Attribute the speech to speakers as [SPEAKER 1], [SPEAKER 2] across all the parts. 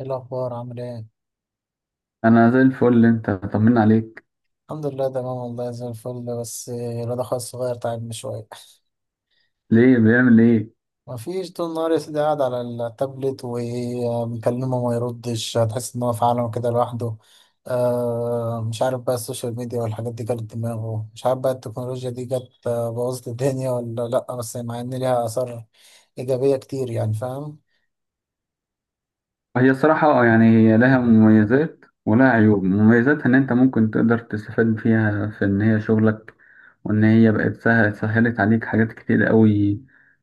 [SPEAKER 1] ايه الاخبار، عامل ايه؟
[SPEAKER 2] انا زي الفل. انت طمنا عليك؟
[SPEAKER 1] الحمد لله تمام، والله زي الفل، بس الواد اخويا الصغير تعبني شويه.
[SPEAKER 2] ليه، بيعمل ايه؟
[SPEAKER 1] مفيش، طول النهار يا سيدي قاعد على التابلت وبنكلمه وما يردش، هتحس ان هو في عالم كده لوحده. مش عارف بقى السوشيال ميديا والحاجات دي جت دماغه، مش عارف بقى التكنولوجيا دي جت، بوظت الدنيا ولا لا، بس مع ان ليها اثار ايجابيه كتير. يعني فاهم؟
[SPEAKER 2] هي الصراحه اه يعني، هي لها مميزات ولها عيوب. مميزاتها ان انت ممكن تقدر تستفاد فيها في ان هي شغلك، وان هي بقت سهلت عليك حاجات كتير قوي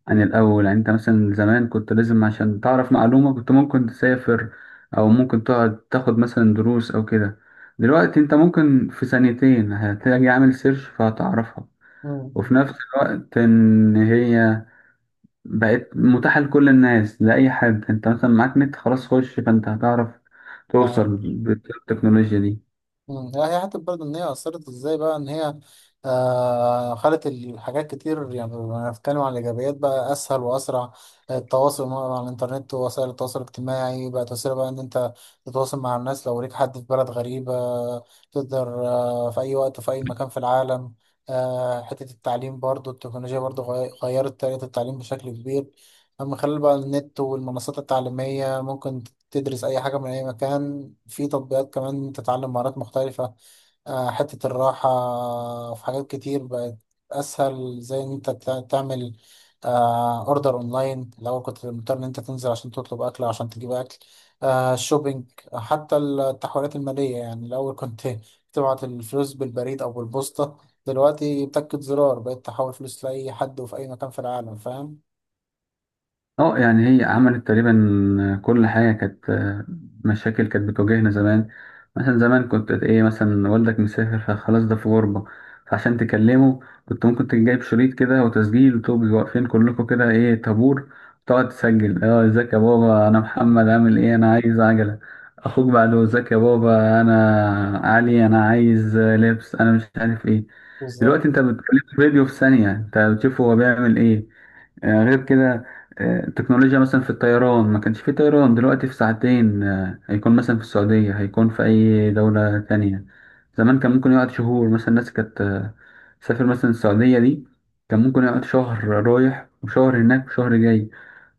[SPEAKER 2] عن الاول. يعني انت مثلا زمان كنت لازم عشان تعرف معلومه كنت ممكن تسافر، او ممكن تقعد تاخد مثلا دروس او كده. دلوقتي انت ممكن في ثانيتين هتلاقي عامل سيرش فهتعرفها. وفي
[SPEAKER 1] مم.
[SPEAKER 2] نفس الوقت ان هي بقت متاحة لكل الناس، لأي حد. أنت مثلا معاك نت خلاص، خش فأنت هتعرف
[SPEAKER 1] نعم.
[SPEAKER 2] توصل بالتكنولوجيا دي.
[SPEAKER 1] مم. لا، هي حتى برضه إن هي أثرت إزاي بقى إن هي خلت الحاجات كتير؟ يعني لو هنتكلم عن الإيجابيات، بقى أسهل وأسرع التواصل مع الإنترنت ووسائل التواصل الاجتماعي. بقت وسيلة بقى إن أنت تتواصل مع الناس، لو ليك حد في بلد غريبة تقدر، في أي وقت وفي أي مكان في العالم. حتة التعليم برضه، التكنولوجيا برضه غيرت طريقة التعليم بشكل كبير، من خلال بقى النت والمنصات التعليمية. ممكن تدرس أي حاجة من أي مكان، في تطبيقات كمان تتعلم مهارات مختلفة. حتة الراحة، في حاجات كتير بقت أسهل، زي إن أنت تعمل أوردر أونلاين. الأول كنت مضطر إن أنت تنزل عشان تطلب أكل أو عشان تجيب أكل. الشوبينج، حتى التحويلات المالية، يعني الأول كنت تبعت الفلوس بالبريد أو بالبوسطة. دلوقتي بتاكد زرار بقيت تحول فلوس لأي حد وفي أي مكان في العالم. فاهم؟
[SPEAKER 2] اه يعني هي عملت تقريبا كل حاجة كانت، مشاكل كانت بتواجهنا زمان. مثلا زمان كنت ايه، مثلا والدك مسافر فخلاص ده في غربة، فعشان تكلمه كنت ممكن تجيب شريط كده وتسجيل وتبقوا واقفين كلكم كده ايه طابور، تقعد تسجل: اه ازيك يا بابا، انا محمد عامل ايه، انا عايز عجلة. اخوك بعده: ازيك يا بابا، انا علي، انا عايز لبس، انا مش عارف ايه.
[SPEAKER 1] بالظبط.
[SPEAKER 2] دلوقتي انت بتكلم فيديو في ثانية انت بتشوفه هو بيعمل ايه. غير كده، التكنولوجيا مثلا في الطيران، ما كانش في طيران. دلوقتي في ساعتين هيكون مثلا في السعودية، هيكون في أي دولة تانية. زمان كان ممكن يقعد شهور، مثلا الناس كانت تسافر مثلا السعودية دي، كان ممكن يقعد شهر رايح وشهر هناك وشهر جاي.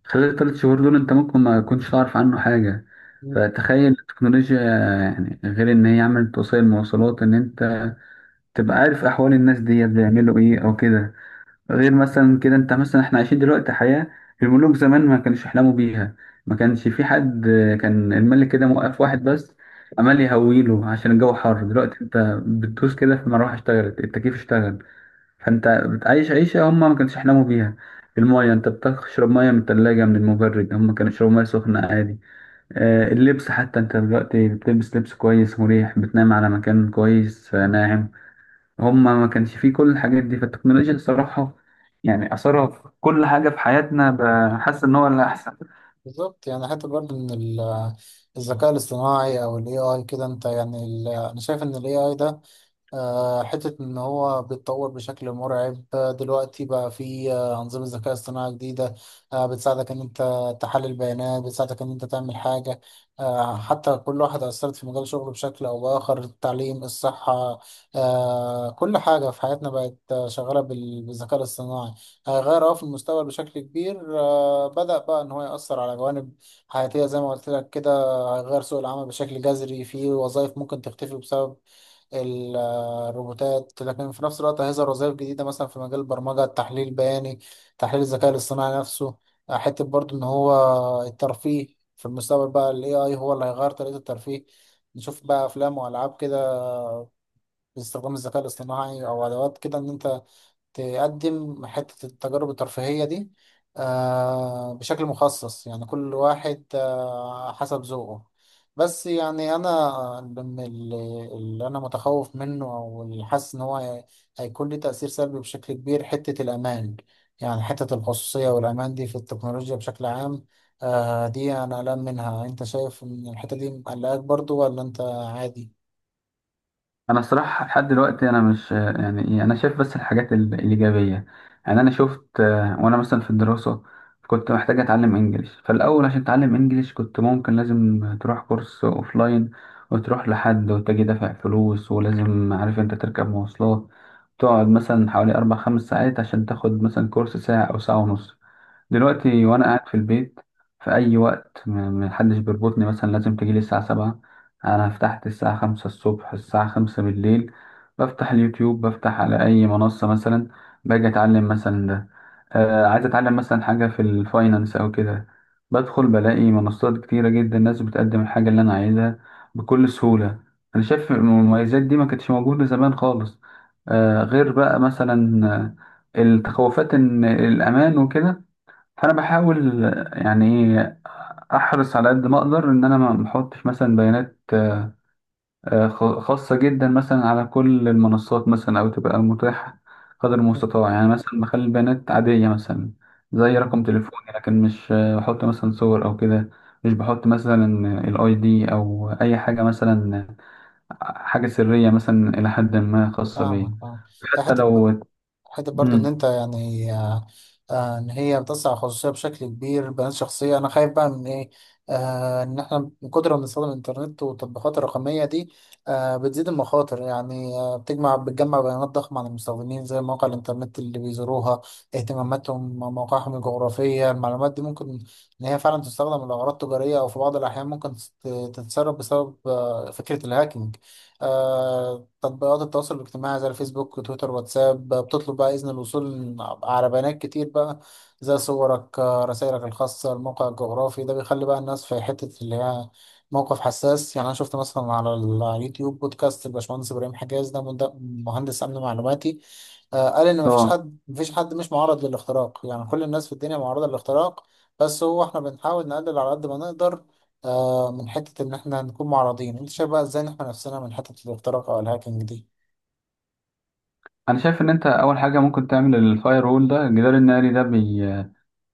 [SPEAKER 2] خلال 3 شهور دول أنت ممكن ما كنتش تعرف عنه حاجة. فتخيل التكنولوجيا، يعني غير إن هي عملت وسائل مواصلات إن أنت تبقى عارف أحوال الناس ديت بيعملوا إيه أو كده. غير مثلا كده، انت مثلا احنا عايشين دلوقتي حياة الملوك زمان ما كانوش يحلموا بيها. ما كانش في حد، كان الملك كده موقف واحد بس عمال يهويله عشان الجو حر. دلوقتي انت بتدوس كده في المروحة اشتغلت، التكييف اشتغل. فانت بتعيش عيشة هم ما كانوش يحلموا بيها. المايه، انت بتشرب ميه من الثلاجة من المبرد، هم كانوا يشربوا ميه سخنة عادي. اللبس حتى، انت دلوقتي بتلبس لبس كويس مريح، بتنام على مكان كويس ناعم. هم ما كانش فيه كل الحاجات دي. فالتكنولوجيا الصراحة يعني أثرها في كل حاجة في حياتنا، بحس إن هو اللي أحسن.
[SPEAKER 1] بالظبط، يعني حتى برضه ان الذكاء الاصطناعي او الاي اي كده، انت يعني انا شايف ان الاي اي ده، حتة إن هو بيتطور بشكل مرعب. دلوقتي بقى في أنظمة ذكاء اصطناعي جديدة، بتساعدك إن أنت تحلل بيانات، بتساعدك إن أنت تعمل حاجة. حتى كل واحدة أثرت في مجال شغله بشكل أو بآخر، التعليم، الصحة. كل حاجة في حياتنا بقت، شغالة بالذكاء الاصطناعي. هيغير في المستقبل بشكل كبير. بدأ بقى إن هو يأثر على جوانب حياتية زي ما قلت لك كده. هيغير سوق العمل بشكل جذري، في وظائف ممكن تختفي بسبب ال- الروبوتات، لكن في نفس الوقت هيظهر وظائف جديدة مثلا في مجال البرمجة، التحليل البياني، تحليل الذكاء الاصطناعي نفسه. حتة برضو إن هو الترفيه في المستقبل، بقى ال AI هو اللي هيغير طريقة الترفيه. نشوف بقى أفلام وألعاب كده باستخدام الذكاء الاصطناعي أو أدوات كده إن أنت تقدم حتة التجارب الترفيهية دي، بشكل مخصص، يعني كل واحد حسب ذوقه. بس يعني أنا من اللي أنا متخوف منه، أو اللي حاسس إن هو هيكون ليه تأثير سلبي بشكل كبير، حتة الأمان، يعني حتة الخصوصية والأمان دي في التكنولوجيا بشكل عام. دي أنا قلقان منها. أنت شايف إن الحتة دي مقلقاك برضو ولا أنت عادي؟
[SPEAKER 2] أنا الصراحة لحد دلوقتي أنا مش يعني إيه، أنا شايف بس الحاجات الإيجابية. يعني أنا شفت، وأنا مثلا في الدراسة كنت محتاج أتعلم إنجليش. فالأول عشان أتعلم إنجليش كنت ممكن لازم تروح كورس أوفلاين، وتروح لحد وتجي دافع فلوس، ولازم عارف أنت تركب مواصلات تقعد مثلا حوالي 4 5 ساعات عشان تاخد مثلا كورس ساعة أو ساعة ونص. دلوقتي وانا قاعد في البيت في اي وقت، محدش بيربطني مثلا لازم تجيلي الساعة 7. انا فتحت الساعة 5 الصبح، الساعة 5 بالليل، بفتح اليوتيوب، بفتح على اي منصة مثلا باجي اتعلم مثلا ده. آه، عايز اتعلم مثلا حاجة في الفاينانس او كده، بدخل بلاقي منصات كتيرة جدا الناس بتقدم الحاجة اللي انا عايزها بكل سهولة. انا شايف المميزات دي ما كانتش موجودة زمان خالص. آه، غير بقى مثلا التخوفات ان الامان وكده. فانا بحاول يعني ايه احرص على قد ما اقدر ان انا ما احطش مثلا بيانات خاصه جدا، مثلا على كل المنصات مثلا او تبقى متاحه قدر
[SPEAKER 1] مم.
[SPEAKER 2] المستطاع. يعني مثلا بخلي البيانات عاديه مثلا زي
[SPEAKER 1] مم.
[SPEAKER 2] رقم تليفوني، لكن مش بحط مثلا صور او كده. مش بحط مثلا الاي دي او اي حاجه مثلا، حاجه سريه مثلا الى حد ما خاصه بيا.
[SPEAKER 1] فاهمك، فاهم. يا
[SPEAKER 2] حتى
[SPEAKER 1] حتى،
[SPEAKER 2] لو.
[SPEAKER 1] حتة برضو إن
[SPEAKER 2] مم.
[SPEAKER 1] أنت يعني، إن هي بتسع الخصوصية بشكل كبير، بيانات شخصية أنا خايف بقى من إيه. إن إحنا من كتر ما بنستخدم الإنترنت والتطبيقات الرقمية دي، بتزيد المخاطر. يعني بتجمع بيانات ضخمة عن المستخدمين، زي مواقع الإنترنت اللي بيزوروها، اهتماماتهم، مواقعهم الجغرافية. المعلومات دي ممكن إن هي فعلا تستخدم لأغراض تجارية، أو في بعض الأحيان ممكن تتسرب بسبب فكرة الهاكينج. تطبيقات التواصل الاجتماعي زي الفيسبوك وتويتر واتساب بتطلب بقى إذن الوصول على بيانات كتير بقى، زي صورك، رسائلك الخاصة، الموقع الجغرافي. ده بيخلي بقى الناس في حتة اللي هي موقف حساس. يعني أنا شفت مثلا على على اليوتيوب بودكاست الباشمهندس إبراهيم حجاز، ده مهندس أمن معلوماتي. قال إن مفيش
[SPEAKER 2] اه،
[SPEAKER 1] حد مفيش حد مش معرض للاختراق، يعني كل الناس في الدنيا معرضة للاختراق، بس هو احنا بنحاول نقلل على قد ما نقدر من حتة إن إحنا نكون معرضين. أنت شايف بقى إزاي نحمي نفسنا من حتة الاختراق أو الهاكينج دي؟
[SPEAKER 2] انا شايف ان انت اول حاجه ممكن تعمل الفاير وول ده، الجدار الناري ده،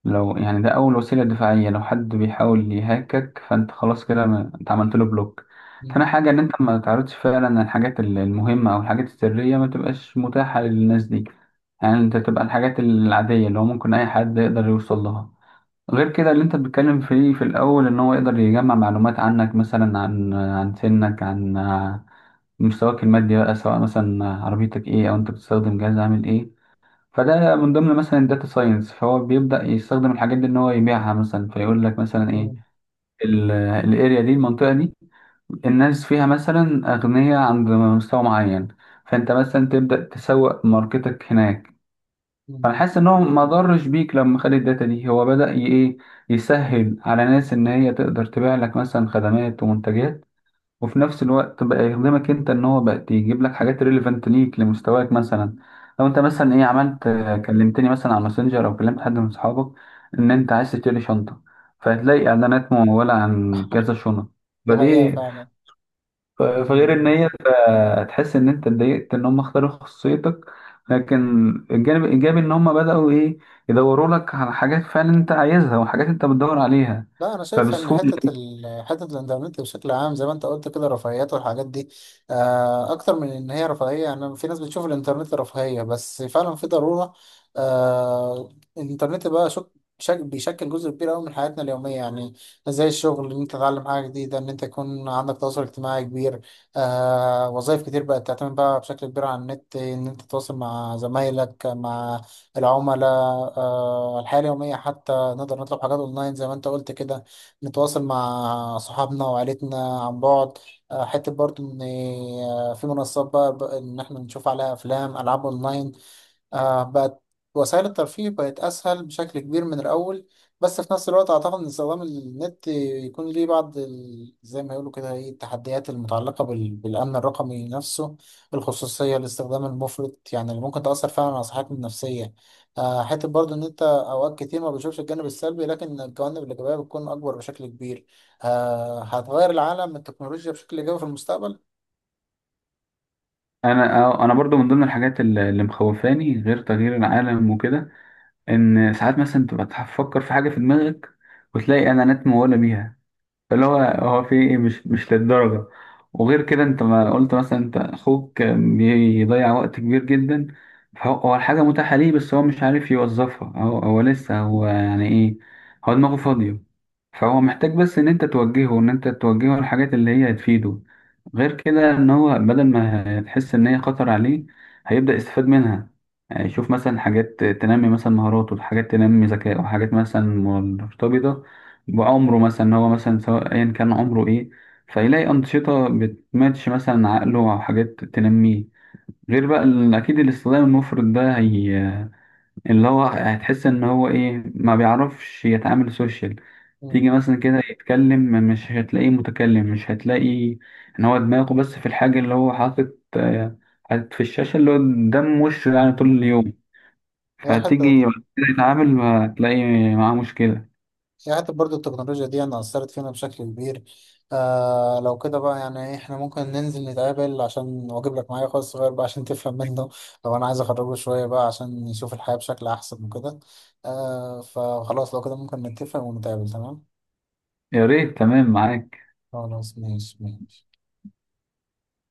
[SPEAKER 2] لو يعني ده أول وسيلة دفاعية، لو حد بيحاول يهاكك فأنت خلاص كده أنت عملت له بلوك. تاني
[SPEAKER 1] مم.
[SPEAKER 2] حاجة إن أنت ما تعرضش فعلا الحاجات المهمة أو الحاجات السرية، ما تبقاش متاحة للناس دي. يعني أنت تبقى الحاجات العادية اللي هو ممكن أي حد يقدر يوصل لها. غير كده اللي أنت بتتكلم فيه في الأول، إن هو يقدر يجمع معلومات عنك مثلا عن سنك، عن مستواك المادي بقى، سواء مثلا عربيتك إيه أو أنت بتستخدم جهاز عامل إيه. فده من ضمن مثلا الداتا ساينس، فهو بيبدأ يستخدم الحاجات دي ان هو يبيعها مثلا، فيقول لك مثلا ايه
[SPEAKER 1] مم.
[SPEAKER 2] الاريا دي، المنطقة دي الناس فيها مثلا أغنياء عند مستوى معين، فانت مثلا تبدأ تسوق ماركتك هناك. فانا
[SPEAKER 1] مم.
[SPEAKER 2] حاسس ان هو ما ضرش بيك لما خد الداتا دي، هو بدأ ايه يسهل على ناس ان هي تقدر تبيع لك مثلا خدمات ومنتجات. وفي نفس الوقت بقى يخدمك انت ان هو بقى يجيب لك حاجات ريليفنت ليك لمستواك. مثلا لو انت مثلا ايه عملت، كلمتني مثلا على ماسنجر او كلمت حد من اصحابك ان انت عايز تشتري شنطه، فهتلاقي اعلانات مموله عن كذا شنط.
[SPEAKER 1] دي حقيقة
[SPEAKER 2] فدي،
[SPEAKER 1] فعلا.
[SPEAKER 2] فغير ان
[SPEAKER 1] مم.
[SPEAKER 2] هي تحس ان انت اتضايقت ان هم اختاروا خصوصيتك، لكن الجانب الايجابي ان هم بداوا ايه يدوروا لك على حاجات فعلا انت عايزها وحاجات انت بتدور عليها
[SPEAKER 1] لا انا شايف ان
[SPEAKER 2] فبسهوله.
[SPEAKER 1] حته الانترنت بشكل عام زي ما انت قلت كده، رفاهيات والحاجات دي، اكتر من ان هي رفاهيه. يعني في ناس بتشوف الانترنت رفاهيه، بس فعلا في ضروره. آه، الانترنت بقى بيشكل جزء كبير قوي من حياتنا اليوميه، يعني زي الشغل، ان انت تتعلم حاجه جديده، ان انت يكون عندك تواصل اجتماعي كبير. وظائف كتير بقت تعتمد بقى بشكل كبير على النت، ان انت تتواصل مع زمايلك، مع العملاء. الحياه اليوميه حتى، نقدر نطلب حاجات اونلاين زي ما انت قلت كده، نتواصل مع صحابنا وعائلتنا عن بعد. حتة برضو ان في منصات بقى ان احنا نشوف عليها افلام، العاب اونلاين. بقت وسائل الترفيه، بقت أسهل بشكل كبير من الأول. بس في نفس الوقت أعتقد إن استخدام النت يكون ليه بعض زي ما يقولوا كده إيه، التحديات المتعلقة بالأمن الرقمي نفسه، الخصوصية، الاستخدام المفرط، يعني اللي ممكن تأثر فعلا على صحتنا النفسية. حتة برضه إن أنت أوقات كتير ما بتشوفش الجانب السلبي، لكن الجوانب الإيجابية بتكون أكبر بشكل كبير. هتغير العالم التكنولوجيا بشكل إيجابي في المستقبل؟
[SPEAKER 2] انا، انا برضو من ضمن الحاجات اللي مخوفاني غير تغيير العالم وكده، ان ساعات مثلا تبقى تفكر في حاجه في دماغك وتلاقي اعلانات مموله بيها. اللي هو هو في ايه، مش للدرجة. وغير كده انت ما قلت مثلا انت اخوك بيضيع وقت كبير جدا. فهو الحاجة متاحة ليه بس هو مش عارف يوظفها. هو لسه، هو يعني ايه، هو دماغه فاضية. فهو محتاج بس ان انت توجهه، الحاجات اللي هي هتفيده. غير كده ان هو بدل ما تحس ان هي خطر عليه هيبدأ يستفاد منها. يعني يشوف مثلا حاجات تنمي مثلا مهاراته، حاجات تنمي ذكائه، حاجات مثلا مرتبطة وعمره مثلا، إن هو مثلا سواء ايا كان عمره ايه فيلاقي انشطه بتماتش مثلا عقله او حاجات تنميه. غير بقى اكيد الاستخدام المفرط ده هي اللي هو هتحس ان هو ايه ما بيعرفش يتعامل سوشيال.
[SPEAKER 1] مم.
[SPEAKER 2] تيجي مثلا كده يتكلم مش هتلاقيه متكلم، مش هتلاقي ان هو دماغه بس في الحاجه اللي هو حاطط، حاطط في الشاشه اللي هو قدام وشه يعني طول
[SPEAKER 1] تمام.
[SPEAKER 2] اليوم.
[SPEAKER 1] هي
[SPEAKER 2] فتيجي
[SPEAKER 1] حتة
[SPEAKER 2] بعد كده يتعامل هتلاقي معاه مشكله.
[SPEAKER 1] هي حتى برضو التكنولوجيا دي أنا أثرت فينا بشكل كبير. لو كده بقى، يعني إحنا ممكن ننزل نتقابل عشان وأجيب لك معايا أخويا الصغير بقى عشان تفهم منه، لو أنا عايز أخرجه شوية بقى عشان يشوف الحياة بشكل أحسن وكده. فخلاص لو كده ممكن نتفق ونتقابل، تمام؟
[SPEAKER 2] يا ريت، تمام معاك.
[SPEAKER 1] خلاص، ماشي ماشي.